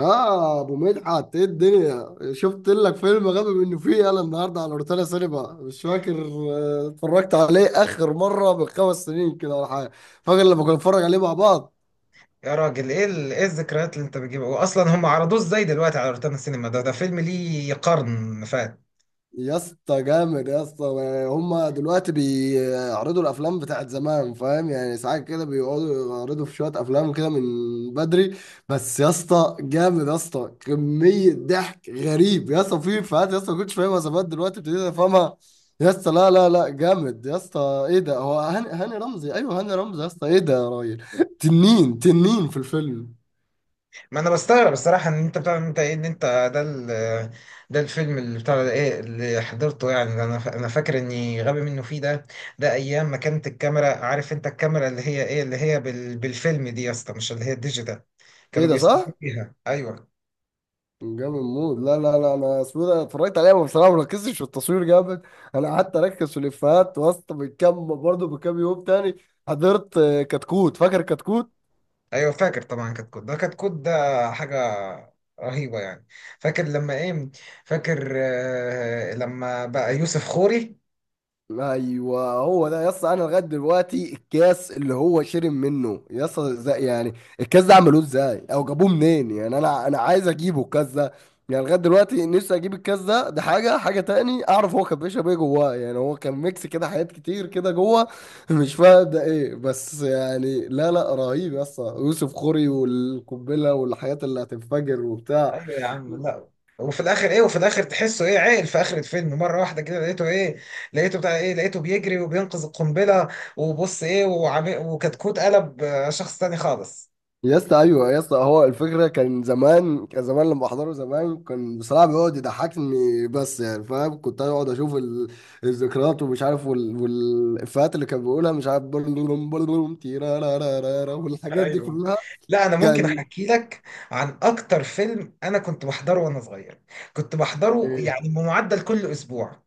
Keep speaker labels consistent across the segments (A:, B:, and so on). A: اه، ابو مدحت، ايه الدنيا؟ شفت لك فيلم غبي منه فيه انا النهارده على روتانا سينما. مش فاكر، اتفرجت عليه اخر مره من 5 سنين كده ولا حاجه. فاكر لما كنا نتفرج عليه مع بعض؟
B: يا راجل ايه الذكريات اللي انت بتجيبها. واصلا هم عرضوه ازاي دلوقتي على روتانا السينما؟ ده فيلم ليه قرن فات.
A: يا اسطى، جامد يا اسطى! هما دلوقتي بيعرضوا الافلام بتاعت زمان، فاهم يعني؟ ساعات كده بيقعدوا يعرضوا في شويه افلام كده من بدري. بس يا اسطى، جامد يا اسطى، كميه ضحك غريب، يا اسطى في افيهات يا اسطى ما كنتش فاهمها زمان، دلوقتي ابتديت افهمها. يا اسطى، لا لا لا جامد يا اسطى! ايه ده، هو هاني رمزي؟ ايوه، هاني رمزي يا اسطى! ايه ده يا راجل! تنين تنين في الفيلم!
B: ما انا بستغرب الصراحه ان انت بتاع انت ايه ان انت ده الفيلم اللي بتاع ده ايه اللي حضرته يعني. ده انا فاكر اني غبي منه فيه ده ايام ما كانت الكاميرا، عارف انت، الكاميرا اللي هي ايه اللي هي بالفيلم دي يا اسطى، مش اللي هي الديجيتال
A: ايه
B: كانوا
A: ده،
B: بيصوروا
A: صح؟
B: بيها. ايوه.
A: جامد موت! لا لا لا، انا اسمه إيه ده، اتفرجت عليها، بس بصراحه ما ركزتش في التصوير جامد. انا قعدت اركز في الافيهات وسط. من كام برضه، من كام يوم تاني حضرت، كتكوت. فاكر كتكوت؟
B: ايوه فاكر طبعا. كتكوت ده، كتكوت ده حاجه رهيبه يعني. فاكر لما ايه، فاكر آه لما بقى يوسف خوري.
A: ايوه هو ده يا اسطى. انا لغايه دلوقتي، الكاس اللي هو شرب منه يا اسطى، ازاي يعني؟ الكاس ده عملوه ازاي او جابوه منين يعني؟ انا عايز اجيبه الكاس ده. يعني لغايه دلوقتي نفسي اجيب الكاس ده. ده حاجه. حاجه تاني اعرف، هو كان بيشرب ايه جواه يعني؟ هو كان ميكس كده حاجات كتير كده جوه. مش فاهم ده ايه بس يعني. لا لا، رهيب يا اسطى! يوسف خوري والقنبله والحاجات اللي هتنفجر وبتاع.
B: ايوه يا عم. لا، وفي الاخر ايه، وفي الاخر تحسه ايه عاقل في اخر الفيلم مره واحده كده. لقيته ايه، لقيته بتاع ايه، لقيته بيجري وبينقذ القنبله وبص ايه وكتكوت قلب شخص تاني خالص.
A: يا اسطى، ايوه يا اسطى، هو الفكره كان زمان لما احضره زمان، كان بصراحه بيقعد يضحكني بس يعني فاهم. كنت اقعد اشوف الذكريات ومش عارف، والافيهات اللي كان بيقولها، مش عارف، بلوم بلوم تيرارارارارا والحاجات دي
B: ايوه.
A: كلها.
B: لا انا ممكن
A: كان
B: احكي لك عن اكتر فيلم انا كنت بحضره وانا صغير، كنت بحضره
A: ايه؟
B: يعني بمعدل كل اسبوع.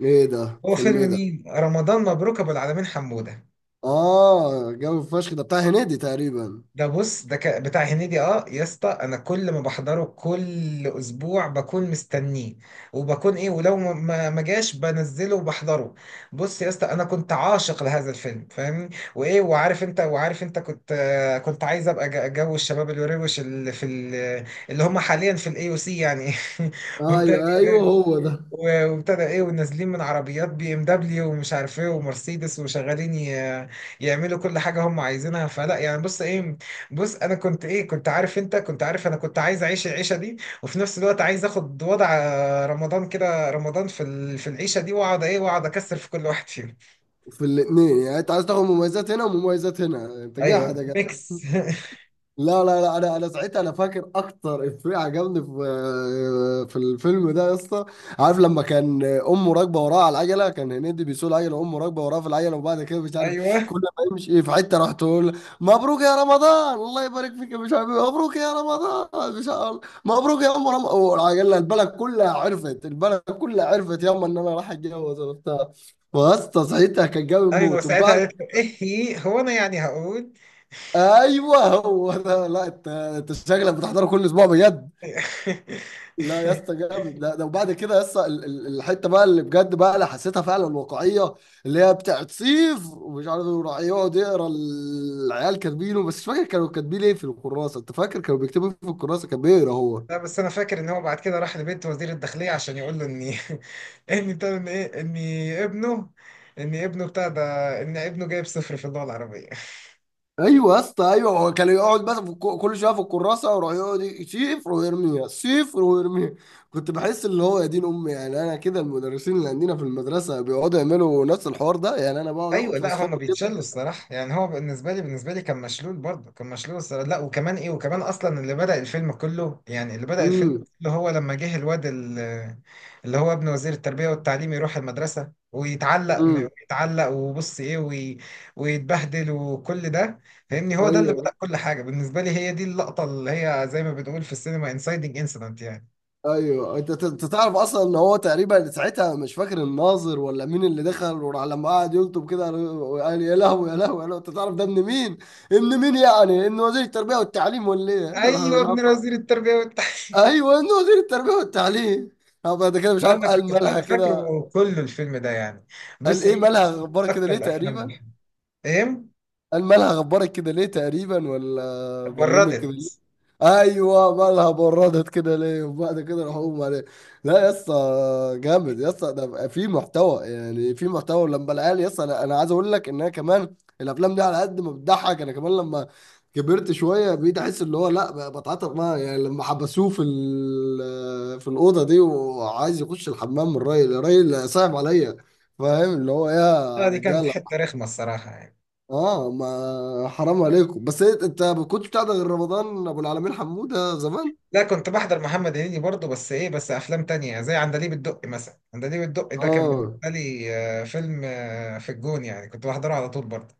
A: ايه ده،
B: هو
A: فيلم ايه
B: فيلم
A: ده؟
B: مين؟ رمضان مبروك أبو العالمين حمودة.
A: اه، جو فشخ، ده بتاع هنيدي تقريبا.
B: ده بص بتاع هنيدي. اه يا اسطى، انا كل ما بحضره كل اسبوع بكون مستنيه، وبكون ايه ولو ما جاش بنزله وبحضره. بص يا اسطى، انا كنت عاشق لهذا الفيلم فاهمني. وايه، وعارف انت، كنت كنت عايز ابقى جو الشباب الوروش اللي اللي هم حاليا في الاي او سي يعني. وبتاع.
A: ايوه ايوه، هو ده.
B: وابتدى ايه ونازلين من عربيات بي ام دبليو ومش عارف ايه ومرسيدس وشغالين يعملوا كل حاجه هم عايزينها فلا يعني. بص ايه، بص انا كنت ايه، كنت عارف انت، كنت عارف انا كنت عايز اعيش العيشه دي، وفي نفس الوقت عايز اخد وضع رمضان كده، رمضان في العيشه دي واقعد ايه، واقعد اكسر في كل واحد فيهم.
A: في الاثنين يعني؟ انت عايز تاخد مميزات هنا ومميزات هنا؟ انت جاحد
B: ايوه
A: يا.
B: ميكس.
A: لا لا لا، انا ساعتها انا فاكر اكتر افيه عجبني في الفيلم ده يا اسطى. عارف لما كان امه راكبه وراه على العجله، كان هنيدي بيسوق العجله وامه راكبه وراه في العجله، وبعد كده مش عارف،
B: ايوه
A: كل ما يمشي في حته راح تقول: مبروك يا رمضان، الله يبارك فيك، يا مش عارف مبروك يا رمضان. مش عارف، مبروك يا ام رمضان والعجله. البلد كلها عرفت، البلد كلها عرفت ياما ان انا راح اتجوز وبتاع. واسطى، ساعتها كان جامد
B: ايوه،
A: موت.
B: ساعتها
A: وبعد،
B: قالت له ايه، هي هو انا يعني هقول.
A: ايوه هو ده. لا، انت شكلك بتحضره كل اسبوع بجد. لا يا اسطى، جامد! ده ده وبعد كده يا اسطى الحته بقى اللي بجد، بقى اللي حسيتها فعلا واقعيه، اللي هي بتاعت صيف ومش عارف وراح يقعد يقرا العيال كاتبينه، بس مش فاكر كانوا كاتبين ايه في الكراسه. انت فاكر كانوا بيكتبوا إيه في الكراسه كان بيقرا هو؟
B: لا بس انا فاكر ان هو بعد كده راح لبيت وزير الداخليه عشان يقول له اني اني ابنه، ان ابنه بتاع ده، ان ابنه جايب صفر في اللغه العربيه.
A: ايوه يا اسطى، ايوه. هو كان يقعد بس في كل شويه في الكراسه، ويروح يقعد صفر ويرميها، صفر ويرميها. كنت بحس اللي هو يا دين امي، يعني انا كده المدرسين اللي عندنا في المدرسه بيقعدوا يعملوا نفس الحوار ده. يعني انا بقعد
B: ايوه
A: اخد
B: لا،
A: فوسفور
B: هم
A: كده.
B: بيتشلوا الصراحه يعني. هو بالنسبه لي، كان مشلول برضه، كان مشلول الصراحه. لا وكمان ايه، وكمان اصلا اللي بدأ الفيلم كله يعني، اللي بدأ الفيلم
A: امم.
B: كله هو لما جه الواد اللي هو ابن وزير التربيه والتعليم، يروح المدرسه ويتعلق
A: امم.
B: ويتعلق وبص ايه ويتبهدل وكل ده. فاهمني، هو ده اللي بدأ
A: ايوه
B: كل حاجه بالنسبه لي، هي دي اللقطه اللي هي زي ما بنقول في السينما انسايدنج انسيدنت يعني.
A: ايوه، انت تعرف اصلا ان هو تقريبا ساعتها، مش فاكر الناظر ولا مين اللي دخل، وراح لما قعد يلطب كده، قال: يا لهوي يا لهوي يا لهوي، انت تعرف ده ابن مين؟ ابن مين يعني؟ ابن وزير التربيه والتعليم ولا ايه؟ راح
B: ايوه
A: مش
B: ابن
A: عارف.
B: وزير التربيه والتعليم.
A: ايوه، انه وزير التربيه والتعليم. هبقى ده كده مش
B: لا
A: عارف،
B: انا
A: قال:
B: كنت،
A: مالها
B: انا
A: كده؟
B: فاكره كل الفيلم ده يعني.
A: قال
B: بص
A: ايه،
B: ايه
A: مالها غبارك كده
B: اكتر
A: ليه، تقريبا؟
B: ايه
A: قال: مالها غبارك كده ليه، تقريبا، ولا ظلمك كده؟
B: بردت.
A: ايوه، مالها بردت كده ليه؟ وبعد كده راح اقوم عليه. لا يا اسطى، جامد يا اسطى! ده بقى في محتوى، يعني في محتوى. ولما العيال يا اسطى، أنا عايز اقول لك ان انا كمان الافلام دي، على قد ما بتضحك، انا كمان لما كبرت شويه بقيت احس اللي هو، لا بقى، بتعاطف معاه. يعني لما حبسوه في الاوضه دي وعايز يخش الحمام، الراجل، الراجل صعب عليا. فاهم اللي هو، يا
B: لا دي كانت
A: رجاله!
B: حته رخمه الصراحه يعني.
A: اه، ما حرام عليكم! بس انت ما كنتش بتاع ده غير رمضان ابو العالمين حموده زمان.
B: لا كنت بحضر محمد هنيدي برضه، بس ايه بس افلام تانية زي عندليب الدقي مثلا. عندليب الدقي ده كان بالنسبه
A: اه.
B: لي فيلم في الجون يعني، كنت بحضره على طول برضه.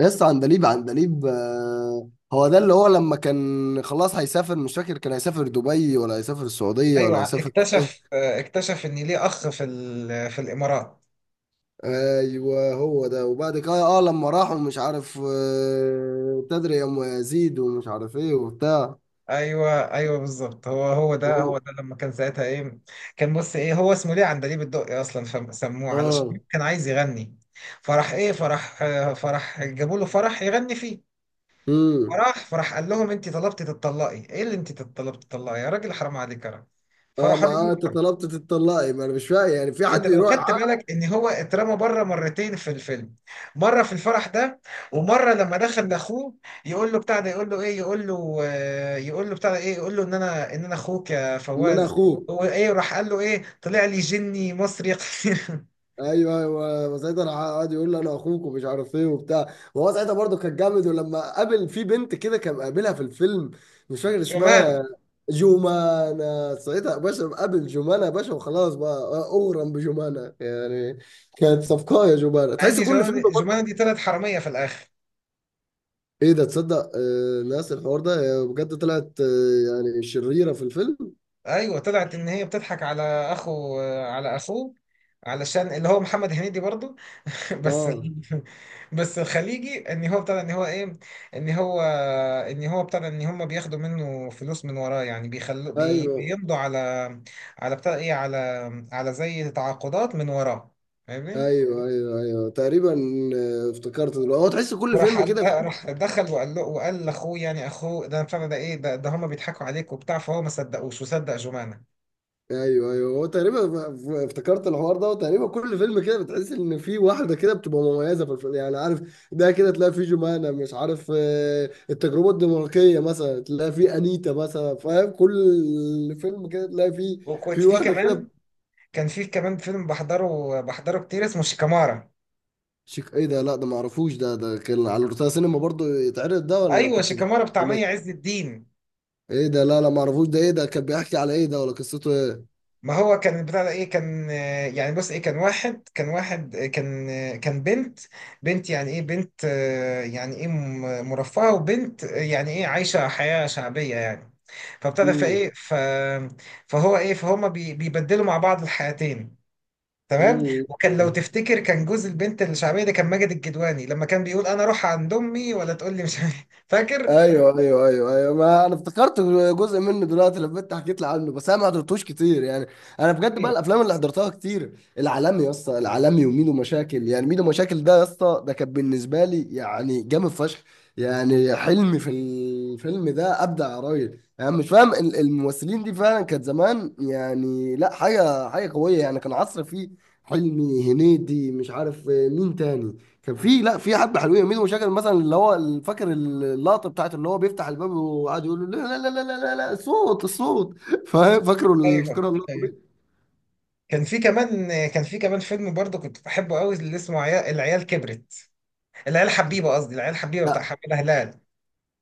A: يس عندليب، عندليب، هو ده، اللي هو لما كان خلاص هيسافر، مش فاكر كان هيسافر دبي ولا هيسافر السعودية ولا
B: ايوه
A: هيسافر
B: اكتشف،
A: ايه.
B: اكتشف ان ليه اخ في ال- آه، في الامارات.
A: ايوه هو ده، وبعد كده اه لما راحوا، مش عارف، تدري يا ام يزيد، ومش عارف ايه وبتاع.
B: ايوه ايوه بالظبط، هو هو ده،
A: هو.
B: هو ده لما كان ساعتها ايه. كان بص ايه، هو اسمه ليه عندليب الدقي اصلا؟ فسموه علشان
A: اه.
B: كان عايز يغني فرح ايه، فرح فرح جابوا له فرح يغني فيه.
A: امم.
B: فراح، قال لهم انت طلبتي تتطلقي، ايه اللي انت طلبتي تتطلقي يا راجل حرام عليك يا راجل.
A: اه،
B: فراح
A: ما انت
B: رموه.
A: طلبت تتطلقي، ما انا مش فاهم يعني في
B: انت
A: حد
B: لو
A: يروح
B: خدت
A: يعاق؟
B: بالك ان هو اترمى بره مرتين في الفيلم، مره في الفرح ده، ومره لما دخل لاخوه يقول له بتاع ده يقول له ايه يقول له يقول له بتاع ده ايه يقول له ان انا اخوك يا
A: ان انا
B: فواز. هو
A: اخوك.
B: ايه، راح قال له ايه، طلع لي جني مصري قصير.
A: ايوه ايوه، وساعتها راح قعد يقول له انا اخوك ومش عارف ايه وبتاع، وهو ساعتها برضه كان جامد. ولما قابل في بنت كده، كان قابلها في الفيلم، مش فاكر اسمها.
B: جمانه.
A: جومانا، ساعتها يا باشا قابل جومانا يا باشا وخلاص بقى، اغرم بجومانا يعني. كانت صفقه يا جومانا،
B: مع ان
A: تحس كل
B: جمانه
A: فيلم
B: دي، جمانة
A: برضه.
B: دي طلعت حراميه في الاخر.
A: ايه ده، تصدق ناس الحوار ده؟ هي بجد طلعت، يعني شريره في الفيلم.
B: ايوه طلعت ان هي بتضحك على اخو، على اخوه، علشان اللي هو محمد هنيدي برضه. بس
A: اه.
B: ال- بس الخليجي ان هو ابتدى ان هو ايه، ان هو ان هو ابتدى ان هم بياخدوا منه فلوس من وراه يعني، بيخلوا
A: ايوه
B: بيمضوا على، على بتاع ايه، على، زي تعاقدات من وراه فاهمني.
A: ايوه ايوه ايوه تقريبا. آه، افتكرت دلوقتي، هو تحس كل
B: وراح
A: فيلم
B: قال
A: كده.
B: لا، راح دخل وقال له وقال لاخوه يعني، اخوه ده بتاع ده ايه ده، ده هم بيضحكوا عليك وبتاع، فهو ما صدقوش وصدق جمانه.
A: ايوه ايوه، هو تقريبا، افتكرت الحوار ده. وتقريبا كل فيلم كده بتحس ان في واحده كده بتبقى مميزه في الفيلم، يعني عارف. ده كده تلاقي فيه جمانة، مش عارف، التجربه الدنماركيه مثلا تلاقي فيه انيتا مثلا، فاهم؟ كل فيلم كده تلاقي فيه
B: وكنت
A: في
B: في
A: واحده كده.
B: كمان، كان في كمان فيلم بحضره، بحضره كتير اسمه شيكامارا.
A: ايه ده؟ لا، ده ما اعرفوش ده. ده كان على روتانا سينما برضو يتعرض ده، ولا
B: ايوه
A: كنت
B: شيكامارا بتاع
A: ولا
B: مي عز الدين.
A: ايه ده؟ لا لا، ما اعرفوش ده. ايه ده، كان بيحكي على ايه ده؟ ولا قصته ايه؟
B: ما هو كان بتاع ده ايه، كان يعني بص ايه، كان واحد، كان كان بنت، بنت يعني ايه، بنت يعني ايه مرفهة، وبنت يعني ايه عايشة حياة شعبية يعني. فابتدى فايه ف فهو ايه فهما بيبدلوا مع بعض الحياتين. تمام، وكان لو
A: امم.
B: تفتكر كان جوز البنت الشعبية ده كان ماجد الكدواني، لما كان بيقول انا اروح عند امي، ولا تقول لي مش عارف- إيه. فاكر.
A: ايوه ايوه ايوه ايوه، ما انا افتكرت جزء منه دلوقتي لما انت حكيت لي عنه، بس انا ما حضرتوش كتير يعني. انا بجد بقى، الافلام اللي حضرتها كتير: العالمي يا اسطى، العالمي وميدو مشاكل! يعني ميدو مشاكل ده يا اسطى، ده كان بالنسبه لي يعني جامد فشخ! يعني حلمي في الفيلم ده ابدع يا راجل! يعني مش فاهم، الممثلين دي فعلا كانت زمان، يعني لا حاجه، حاجه قويه يعني. كان عصر فيه حلمي، هنيدي، مش عارف مين تاني. كان في، لا، في حبه حلوين. مين مشاكل مثلا، اللي هو فاكر اللقطه بتاعت اللي هو بيفتح الباب وقعد يقول له: لا لا لا لا لا لا، الصوت الصوت! فاهم؟ فاكره
B: ايوه
A: فاكره اللقطه
B: ايوه
A: دي.
B: كان في كمان، فيلم برضه كنت بحبه قوي اللي اسمه عيال العيال كبرت، العيال حبيبه، قصدي العيال حبيبه بتاع
A: لا،
B: حماده هلال.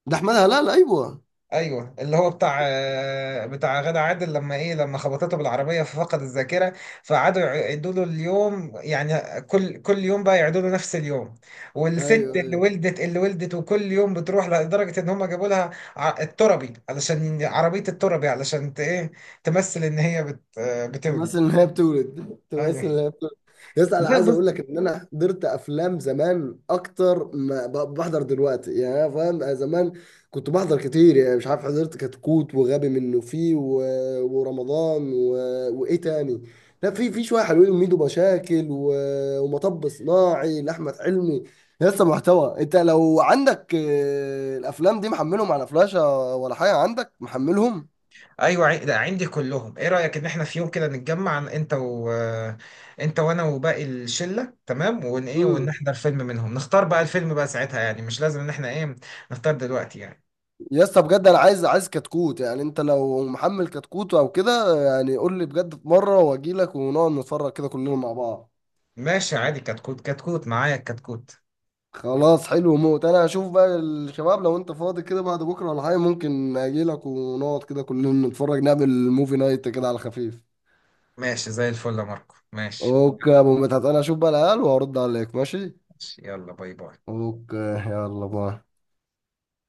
A: ده احمدها، لا لا، ايوه.
B: ايوه اللي هو بتاع بتاع غادة عادل، لما ايه، لما خبطته بالعربيه ففقد الذاكره، فقعدوا يعيدوا له اليوم يعني كل يوم بقى، يعيدوا له نفس اليوم. والست اللي
A: ايوه،
B: ولدت، اللي ولدت وكل يوم بتروح، لدرجه ان هم جابوا لها التربي علشان عربيه التربي علشان ايه تمثل ان هي بت آه، بتولد.
A: تمثل ان هي بتولد، تمثل ان
B: ايوه.
A: هي بتولد. يس، انا
B: لا
A: عايز
B: بص.
A: اقول لك ان انا حضرت افلام زمان اكتر ما بحضر دلوقتي يعني. انا فاهم، أنا زمان كنت بحضر كتير. يعني مش عارف، حضرت كتكوت، وغبي منه فيه، و... ورمضان، و... وايه تاني؟ لا، في شويه حلوين، وميدو مشاكل، و... ومطب صناعي لاحمد حلمي. لسه محتوى! انت لو عندك، الافلام دي محملهم على فلاشه ولا حاجه، عندك محملهم؟
B: ايوه ده عندي كلهم. ايه رايك ان احنا في يوم كده نتجمع انت وانا وباقي الشله، تمام؟ ون ايه
A: امم.
B: ونحضر فيلم منهم، نختار بقى الفيلم بقى ساعتها يعني، مش لازم ان احنا ايه نختار دلوقتي يعني.
A: يا اسطى بجد، انا عايز، كتكوت. يعني انت لو محمل كتكوت او كده، يعني قول لي بجد في مره، واجي لك ونقعد نتفرج كده كلنا مع بعض.
B: ماشي عادي، كتكوت، كتكوت معايا الكتكوت.
A: خلاص، حلو موت! انا هشوف بقى الشباب، لو انت فاضي كده بعد بكره ولا حاجه، ممكن اجي لك ونقعد كده كلنا نتفرج، نعمل موفي نايت كده على خفيف.
B: ماشي زي الفل يا ماركو، ماشي.
A: اوكي يا ابو مدحت، انا هشوف بقى العيال وهرد عليك، ماشي.
B: ماشي، يلا باي باي.
A: اوكي، يلا باي.